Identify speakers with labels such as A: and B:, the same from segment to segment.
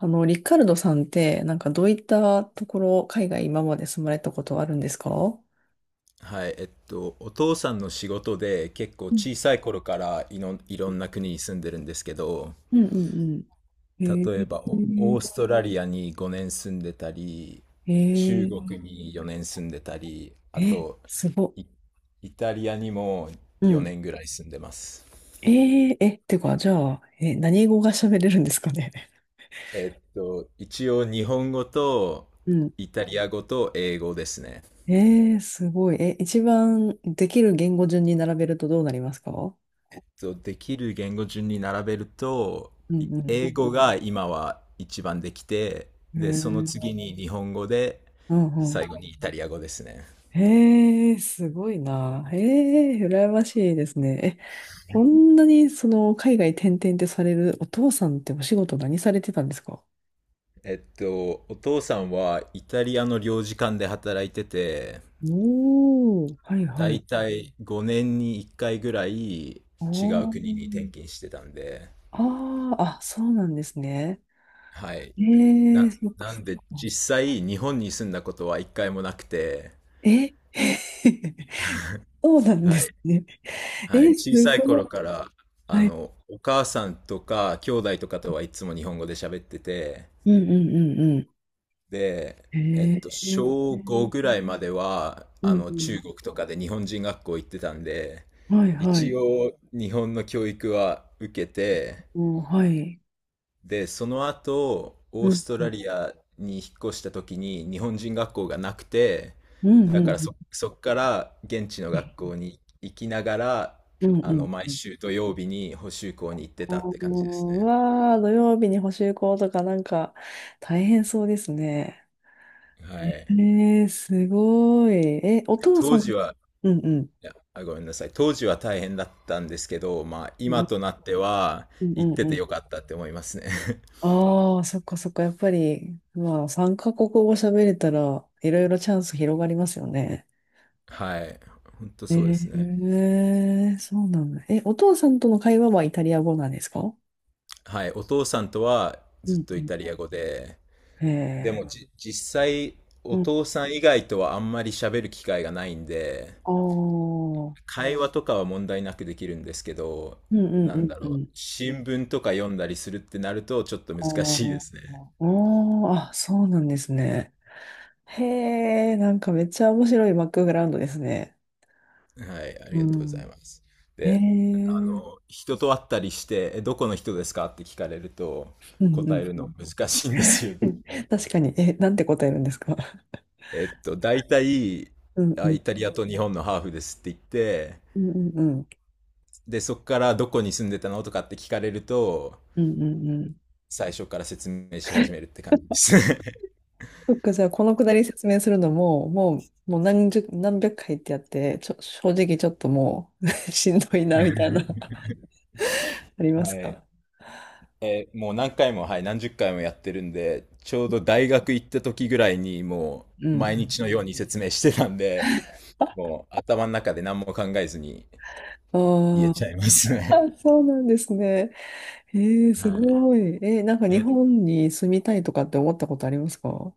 A: リカルドさんって、なんかどういったところ、海外今まで住まれたことあるんですか？う
B: はい、お父さんの仕事で結構小
A: ん
B: さい頃からいろんな国に住んでるんですけど、
A: うんうんうん。え
B: 例え
A: ー、
B: ばオーストラリアに5年住んでたり、中
A: え
B: 国に4年住んでたり、
A: ー、
B: あ
A: え、
B: と
A: すご。
B: イ、イタリアにも
A: うん。
B: 4年ぐらい住んでます。
A: えー、え、てか、じゃあ、え、何語が喋れるんですかね。
B: えっと、一応日本語と
A: うん。
B: イタリア語と英語ですね。
A: えー、すごい。え、一番できる言語順に並べるとどうなりますか？
B: そうできる言語順に並べると
A: うん
B: 英語が今は一番できて、
A: う
B: でそ
A: ん。
B: の
A: えー、
B: 次に日本語で、
A: うんう
B: 最
A: ん。
B: 後にイタリア語ですね。
A: へえ、すごいな。へえ、羨ましいですね。え、こんなにその海外転々ってされるお父さんってお仕事何されてたんですか？
B: えっと、お父さんはイタリアの領事館で働いてて、
A: おー、はい
B: だ
A: は
B: い
A: い。
B: たい5年に1回ぐらい違
A: あ
B: う
A: ー
B: 国に転勤してたんで、
A: あー、あ、そうなんですね。
B: はい
A: え
B: な、
A: え、そっか
B: な
A: そ
B: ん
A: っ
B: で
A: か。
B: 実際日本に住んだことは1回もなくて。
A: え そうなんで
B: はい、
A: すね。
B: はい、
A: え、す
B: 小さい
A: ご
B: 頃
A: い。
B: から、あ
A: はい。
B: の、お母さんとか兄弟とかとはいつも日本語で喋ってて、
A: うんうんうんうん。
B: で、えっと、
A: へえ、
B: 小5ぐらいまでは、
A: う
B: あ
A: ん
B: の、
A: う
B: 中国とかで日本人学校行ってたんで、
A: ん。はいは
B: 一
A: い。
B: 応日本の教育は受けて、
A: おー、はい。
B: で、その後、オ
A: う
B: ー
A: ん
B: スト
A: う
B: ラ
A: ん
B: リアに引っ越した時に日本人学校がなくて、
A: うん
B: だ
A: う
B: か
A: ん
B: らそっから現地の学
A: う
B: 校に行きながら、
A: んう
B: あの、
A: ん
B: 毎
A: うん。
B: 週土曜日に補習校に行って
A: あー、
B: たって感じです
A: う
B: ね。
A: わあ、土曜日に補習校とかなんか大変そうですね。
B: は
A: え
B: い。
A: ー、すごい。え、お父さ
B: 当
A: ん、
B: 時は、
A: うんうん。
B: いや、あ、ごめんなさい。当時は大変だったんですけど、まあ、
A: う
B: 今
A: ん
B: となっては
A: うんう
B: 行っ
A: ん
B: て
A: う
B: て
A: ん。
B: よかったって思いますね。
A: ああ、そっかそっか。やっぱり、まあ、3カ国語喋れたら、いろいろチャンス広がりますよね。
B: はい。本当
A: え
B: そうですね。
A: ー、そうなんだ。え、お父さんとの会話はイタリア語なんですか？
B: はい。お父さんとは
A: う
B: ずっ
A: ん
B: と
A: う
B: イ
A: ん。
B: タリア語で、
A: へ
B: で
A: え、
B: もじ、実際、お
A: うん。
B: 父さん以外とはあんまり喋る機会がないんで、
A: ああ、
B: 会話とかは問題なくできるんですけど、
A: うんうん
B: な
A: う
B: ん
A: ん
B: だ
A: う
B: ろう、
A: ん。
B: 新聞とか読んだりするってなると、ちょっと
A: あ
B: 難しいで
A: ー
B: すね。
A: あー、あ、そうなんですね。へえ、なんかめっちゃ面白いバックグラウンドですね。
B: はい、あ
A: う
B: りがとうござい
A: ん。
B: ます。
A: へ
B: で、
A: え、
B: あ
A: うん
B: の、人と会ったりして、え、どこの人ですかって聞かれると、
A: う
B: 答え
A: ん
B: る
A: う
B: の
A: ん。
B: 難しいんですよ。
A: うん、確かに、え、なんて答えるんですか？
B: えっと、大体、
A: うんう
B: あ、
A: ん。
B: イタリアと日本のハーフですって言って、
A: うんうんうん。
B: で、そこからどこに住んでたのとかって聞かれると、
A: うんうんうん。
B: 最初から説明し始めるって感じで す。
A: そっか、じゃあ、このくだり説明するのも、もう何十、何百回ってやって、正直ちょっともう しんどいな、みたいな、ありま
B: は
A: す
B: い。
A: か？
B: えー、もう何回も、はい、何十回もやってるんで、ちょうど大学行った時ぐらいにも
A: う
B: う
A: んう
B: 毎日
A: ん。
B: のように説明してたんで、もう頭の中で何も考えずに
A: あ
B: 言えち
A: ー、
B: ゃいますね。
A: あ、そうなんですね。へえ、す
B: は
A: ごい。えなんか
B: い。
A: 日
B: え、
A: 本に住みたいとかって思ったことありますか？う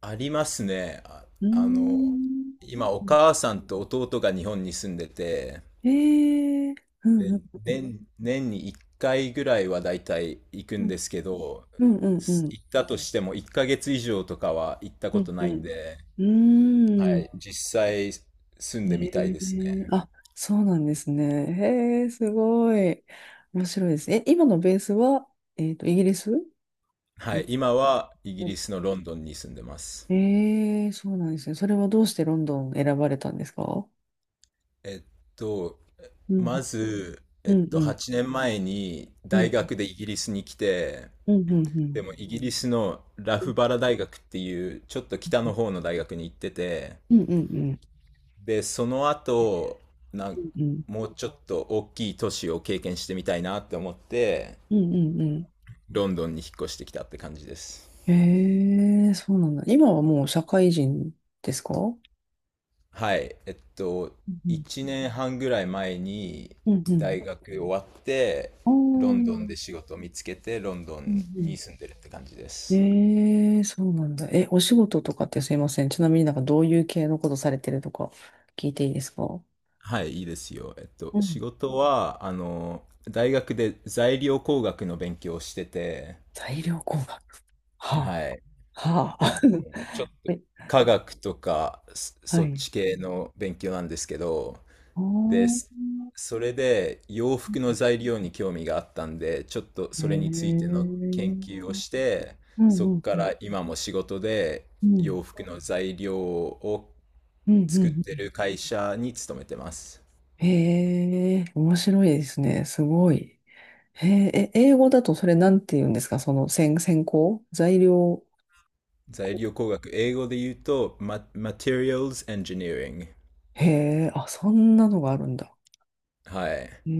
B: ありますね。あ、
A: ー
B: あの、
A: ん。
B: 今お母さんと弟が日本に住んでて、
A: ええ、うん
B: で、
A: うん
B: 年に1回ぐらいはだいたい行く
A: う
B: ん
A: ん
B: ですけど、
A: うんうんうん
B: 行ったとしても1ヶ月以上とかは行った
A: う
B: こ
A: ん
B: と
A: う
B: ないん
A: ん
B: で、
A: う
B: は
A: ー
B: い、
A: ん、
B: 実際住ん
A: え
B: でみたいですね。
A: え、あ、そうなんですね。へえ、すごい。面白いです。え、今のベースは、イギリスで
B: はい、
A: すか？
B: 今はイギリスのロンドンに住んでます。
A: ええ、そうなんですね。それはどうしてロンドン選ばれたんですか？
B: えっと、
A: うん
B: まず、え
A: う
B: っ
A: んう
B: と、
A: ん
B: 8年前に
A: う
B: 大
A: ん
B: 学でイギリスに来て、
A: うんうんうん
B: でもイギリスのラ
A: うん
B: フバラ大学っていうちょっと北の方の大学に行ってて、
A: うんうん
B: で、その後、な
A: う
B: ん
A: ん。
B: もうちょっと大きい都市を経験してみたいなって思って、
A: うんうんうん。
B: ロンドンに引っ越してきたって感じです。
A: へえ、そうなんだ。今はもう社会人ですか？
B: はい。えっと、
A: うんうん。
B: 1年半ぐらい前に
A: うんう
B: 大
A: ん。
B: 学終わって、
A: あ
B: ロンドン
A: あ。
B: で仕事を見つけて、ロンド
A: うん
B: ン
A: うん。
B: に住んでるって感じです。
A: ええ、そうなんだ。え、お仕事とかってすいません。ちなみになんかどういう系のことされてるとか聞いていいですか？
B: はい、いいですよ。えっと、
A: う
B: 仕
A: ん。
B: 事は、あの、大学で材料工学の勉強をしてて、
A: 材料工学。は
B: はい。
A: あ、は
B: あ
A: あ。はい。
B: 科学とか
A: は
B: そっ
A: い。
B: ち系の勉強なんですけど、
A: あ
B: で、
A: あ。
B: それで洋服の材料に興味があったんで、ちょっと
A: へえ。
B: それについての研究
A: う
B: を
A: ん
B: して、
A: うん
B: そこか
A: うん。
B: ら今も仕事で
A: うん
B: 洋服の材料を
A: うんう
B: 作って
A: ん。
B: る会社に勤めてます。
A: へえ、面白いですね。すごい。へえ、え、英語だとそれなんて言うんですか？その先行材料。
B: 材料工学、英語で言うと、Materials Engineering。
A: へえ、あ、そんなのがあるんだ。
B: はい。
A: へ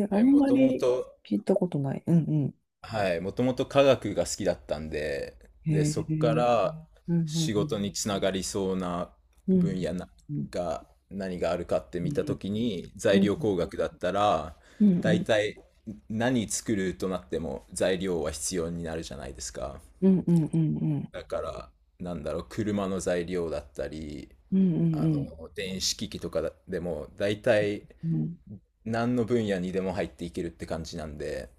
A: え、あ
B: はい、
A: ん
B: も
A: ま
B: とも
A: り
B: と、
A: 聞いたことない。うんう
B: はい、もともと科学が好きだったんで、
A: ん。
B: で、
A: へ
B: そこか
A: え、
B: ら
A: うんう
B: 仕
A: ん
B: 事につながりそうな
A: うん。
B: 分野な
A: うんうん
B: が何があるかって
A: う
B: 見たと
A: ん
B: きに、
A: う
B: 材
A: ん
B: 料工学だったら、
A: う
B: 大
A: ん
B: 体何作るとなっても材料は必要になるじゃないですか。
A: うんうんうんうん
B: だから、なんだろう、車の材料だったり、
A: う
B: あ
A: ん
B: の、電子機器とかでも、大体
A: うん。
B: 何の分野にでも入っていけるって感じなんで、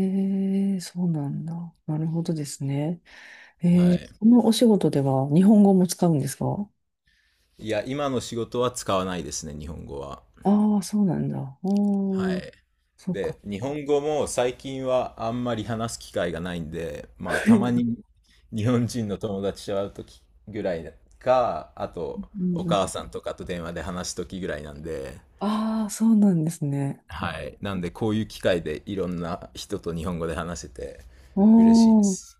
A: へえ、そうなんだ。なるほどですね。
B: は
A: えー、
B: い。
A: そのお仕事では日本語も使うんですか？
B: いや、今の仕事は使わないですね、日本語は。
A: ああ、そうなんだ。
B: は
A: おー、
B: い。
A: そうか。
B: で、日本語も最近はあんまり話す機会がないんで、まあ、たま に日本人の友達と会う時ぐらいか、あと、
A: う
B: お
A: んうん、
B: 母さんとかと電話で話す時ぐらいなんで、
A: ああ、そうなんですね。
B: はい。なんで、こういう機会でいろんな人と日本語で話せて嬉しいで
A: おー、
B: す。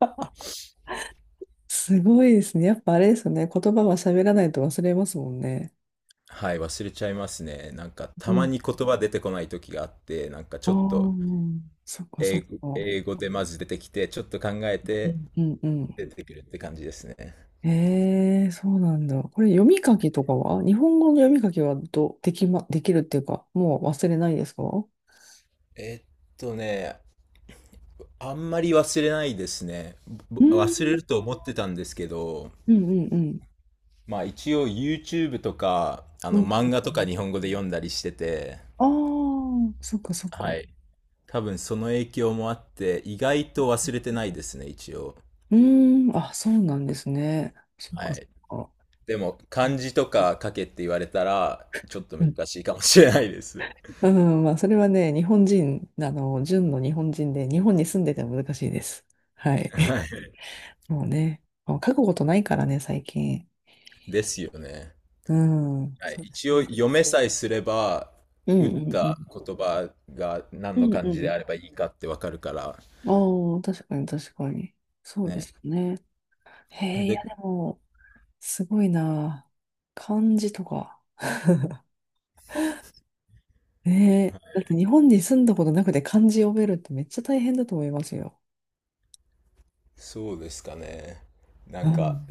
A: すごいですね。やっぱあれですよね。言葉は喋らないと忘れますもんね。
B: はい、忘れちゃいますね。なんか、
A: う
B: たま
A: ん。
B: に言葉出てこない時があって、なんかち
A: あ
B: ょっと
A: あ、そっかそっか。
B: 英語でまず出てきて、ちょっと考え
A: う
B: て、
A: んうんうん。
B: 出てくるって感じですね。
A: ええ、そうなんだ。これ読み書きとかは日本語の読み書きはど、できま、できるっていうか、もう忘れないですか？う
B: えっとね、あんまり忘れないですね。忘れ
A: ん
B: ると思ってたんですけど、
A: うんうんうん。
B: まあ一応 YouTube とか、あ
A: う
B: の
A: んう
B: 漫画と
A: ん。
B: か日本語で読んだりしてて、
A: ああ、そっかそっ
B: は
A: か。
B: い。多分その影響もあって、意外と忘れてないですね、一応。
A: うーん、あ、そうなんですね。そっ
B: は
A: かそっ
B: い。
A: か。
B: でも漢字とか書けって言われたら、ちょっと
A: うん、
B: 難しいかもしれないです。
A: うん、まあ、それはね、日本人、純の日本人で、日本に住んでても難しいです。はい。
B: はい。
A: もうね、もう書くことないからね、最近。
B: ですよね。
A: うん、
B: はい、
A: そうです
B: 一応
A: ね。そ
B: 読めさえすれば
A: う、うん
B: 打っ
A: うんう
B: た
A: ん。
B: 言葉が
A: う
B: 何の
A: ん
B: 漢
A: う
B: 字で
A: ん。
B: あればいいかってわかるから
A: ああ、確かに確かに。そうで
B: ね。
A: すよね。へえ、い
B: で、
A: やでも、すごいな。漢字とか。ねえ。だって日本に住んだことなくて漢字読めるってめっちゃ大変だと思いますよ。
B: そうですかね。なんか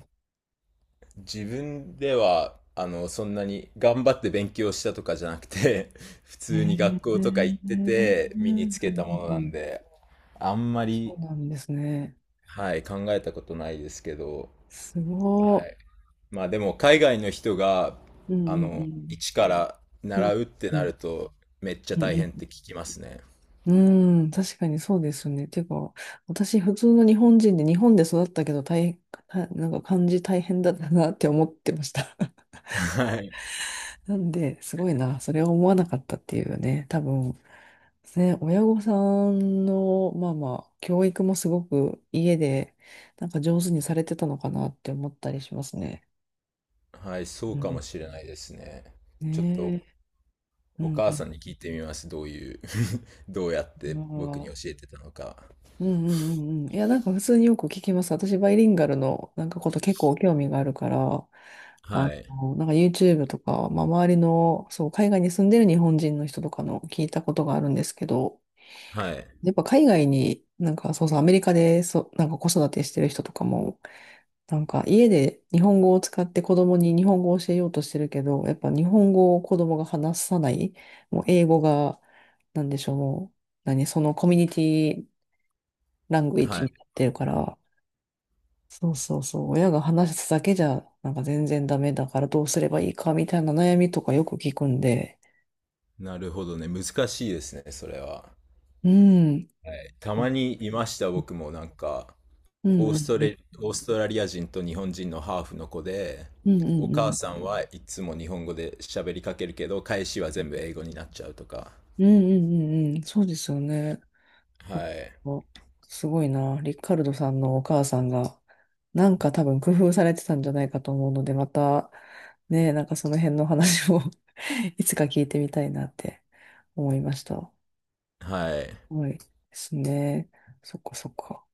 B: 自分ではあのそんなに頑張って勉強したとかじゃなくて 普
A: え
B: 通に
A: ー、
B: 学
A: う
B: 校とか行
A: ん
B: ってて
A: う
B: 身に
A: ん
B: つ
A: う
B: けたものなん
A: ん、
B: であんま
A: そう
B: り、
A: なんですね。
B: はい、考えたことないですけど、
A: す
B: は
A: ご
B: い、まあでも海外の人が
A: い。う
B: あ
A: んう
B: の
A: ん
B: 一から
A: う
B: 習
A: ん。
B: うって
A: う
B: な
A: ん
B: るとめっちゃ
A: うんう
B: 大
A: ん
B: 変って聞きますね。
A: うん、うん、確かにそうですね。てか、私、普通の日本人で、日本で育ったけど大変、なんか漢字大変だったなって思ってました。
B: はい。
A: なんで、すごいな、それは思わなかったっていうね、多分、ね、親御さんの、まあまあ、教育もすごく家で、なんか上手にされてたのかなって思ったりしますね。
B: はい、そ
A: う
B: うかも
A: ん。
B: しれないですね。ちょっ
A: ね
B: と
A: え。う
B: お
A: んう
B: 母
A: ん。
B: さんに聞いてみます。どういう どうやっ
A: ま
B: て僕に教
A: あ、
B: えてたのか。
A: うんうんうんうん。いや、なんか普通によく聞きます。私、バイリンガルのなんかこと結構興味があるから、
B: はい。
A: なんか YouTube とか、まあ、周りの、そう、海外に住んでる日本人の人とかの聞いたことがあるんですけど、
B: はい。
A: やっぱ海外になんか、そうそう、アメリカで、そう、なんか子育てしてる人とかもなんか家で日本語を使って子供に日本語を教えようとしてるけど、やっぱ日本語を子供が話さない、もう英語が、なんでしょう、もう、何、そのコミュニティラングエッ
B: は
A: ジ
B: い。
A: になってるから、そうそうそう、親が話すだけじゃ、なんか全然ダメだからどうすればいいかみたいな悩みとかよく聞くんで、
B: なるほどね。難しいですね、それは。
A: うん、
B: た
A: う
B: ま
A: ん
B: にいました、僕もなんか、
A: うんうん、
B: オーストラリア人と日本人のハーフの子で、
A: うんうん
B: お
A: う
B: 母
A: ん、
B: さんはいつも日本語で喋りかけるけど、返しは全部英語になっちゃうとか。
A: うんうんうんうん、そうですよね。
B: はい。
A: おすごいな。リカルドさんのお母さんが、なんか多分工夫されてたんじゃないかと思うので、また、ね、なんかその辺の話を いつか聞いてみたいなって思いました。
B: はい。
A: はい。ですね。そっかそっか。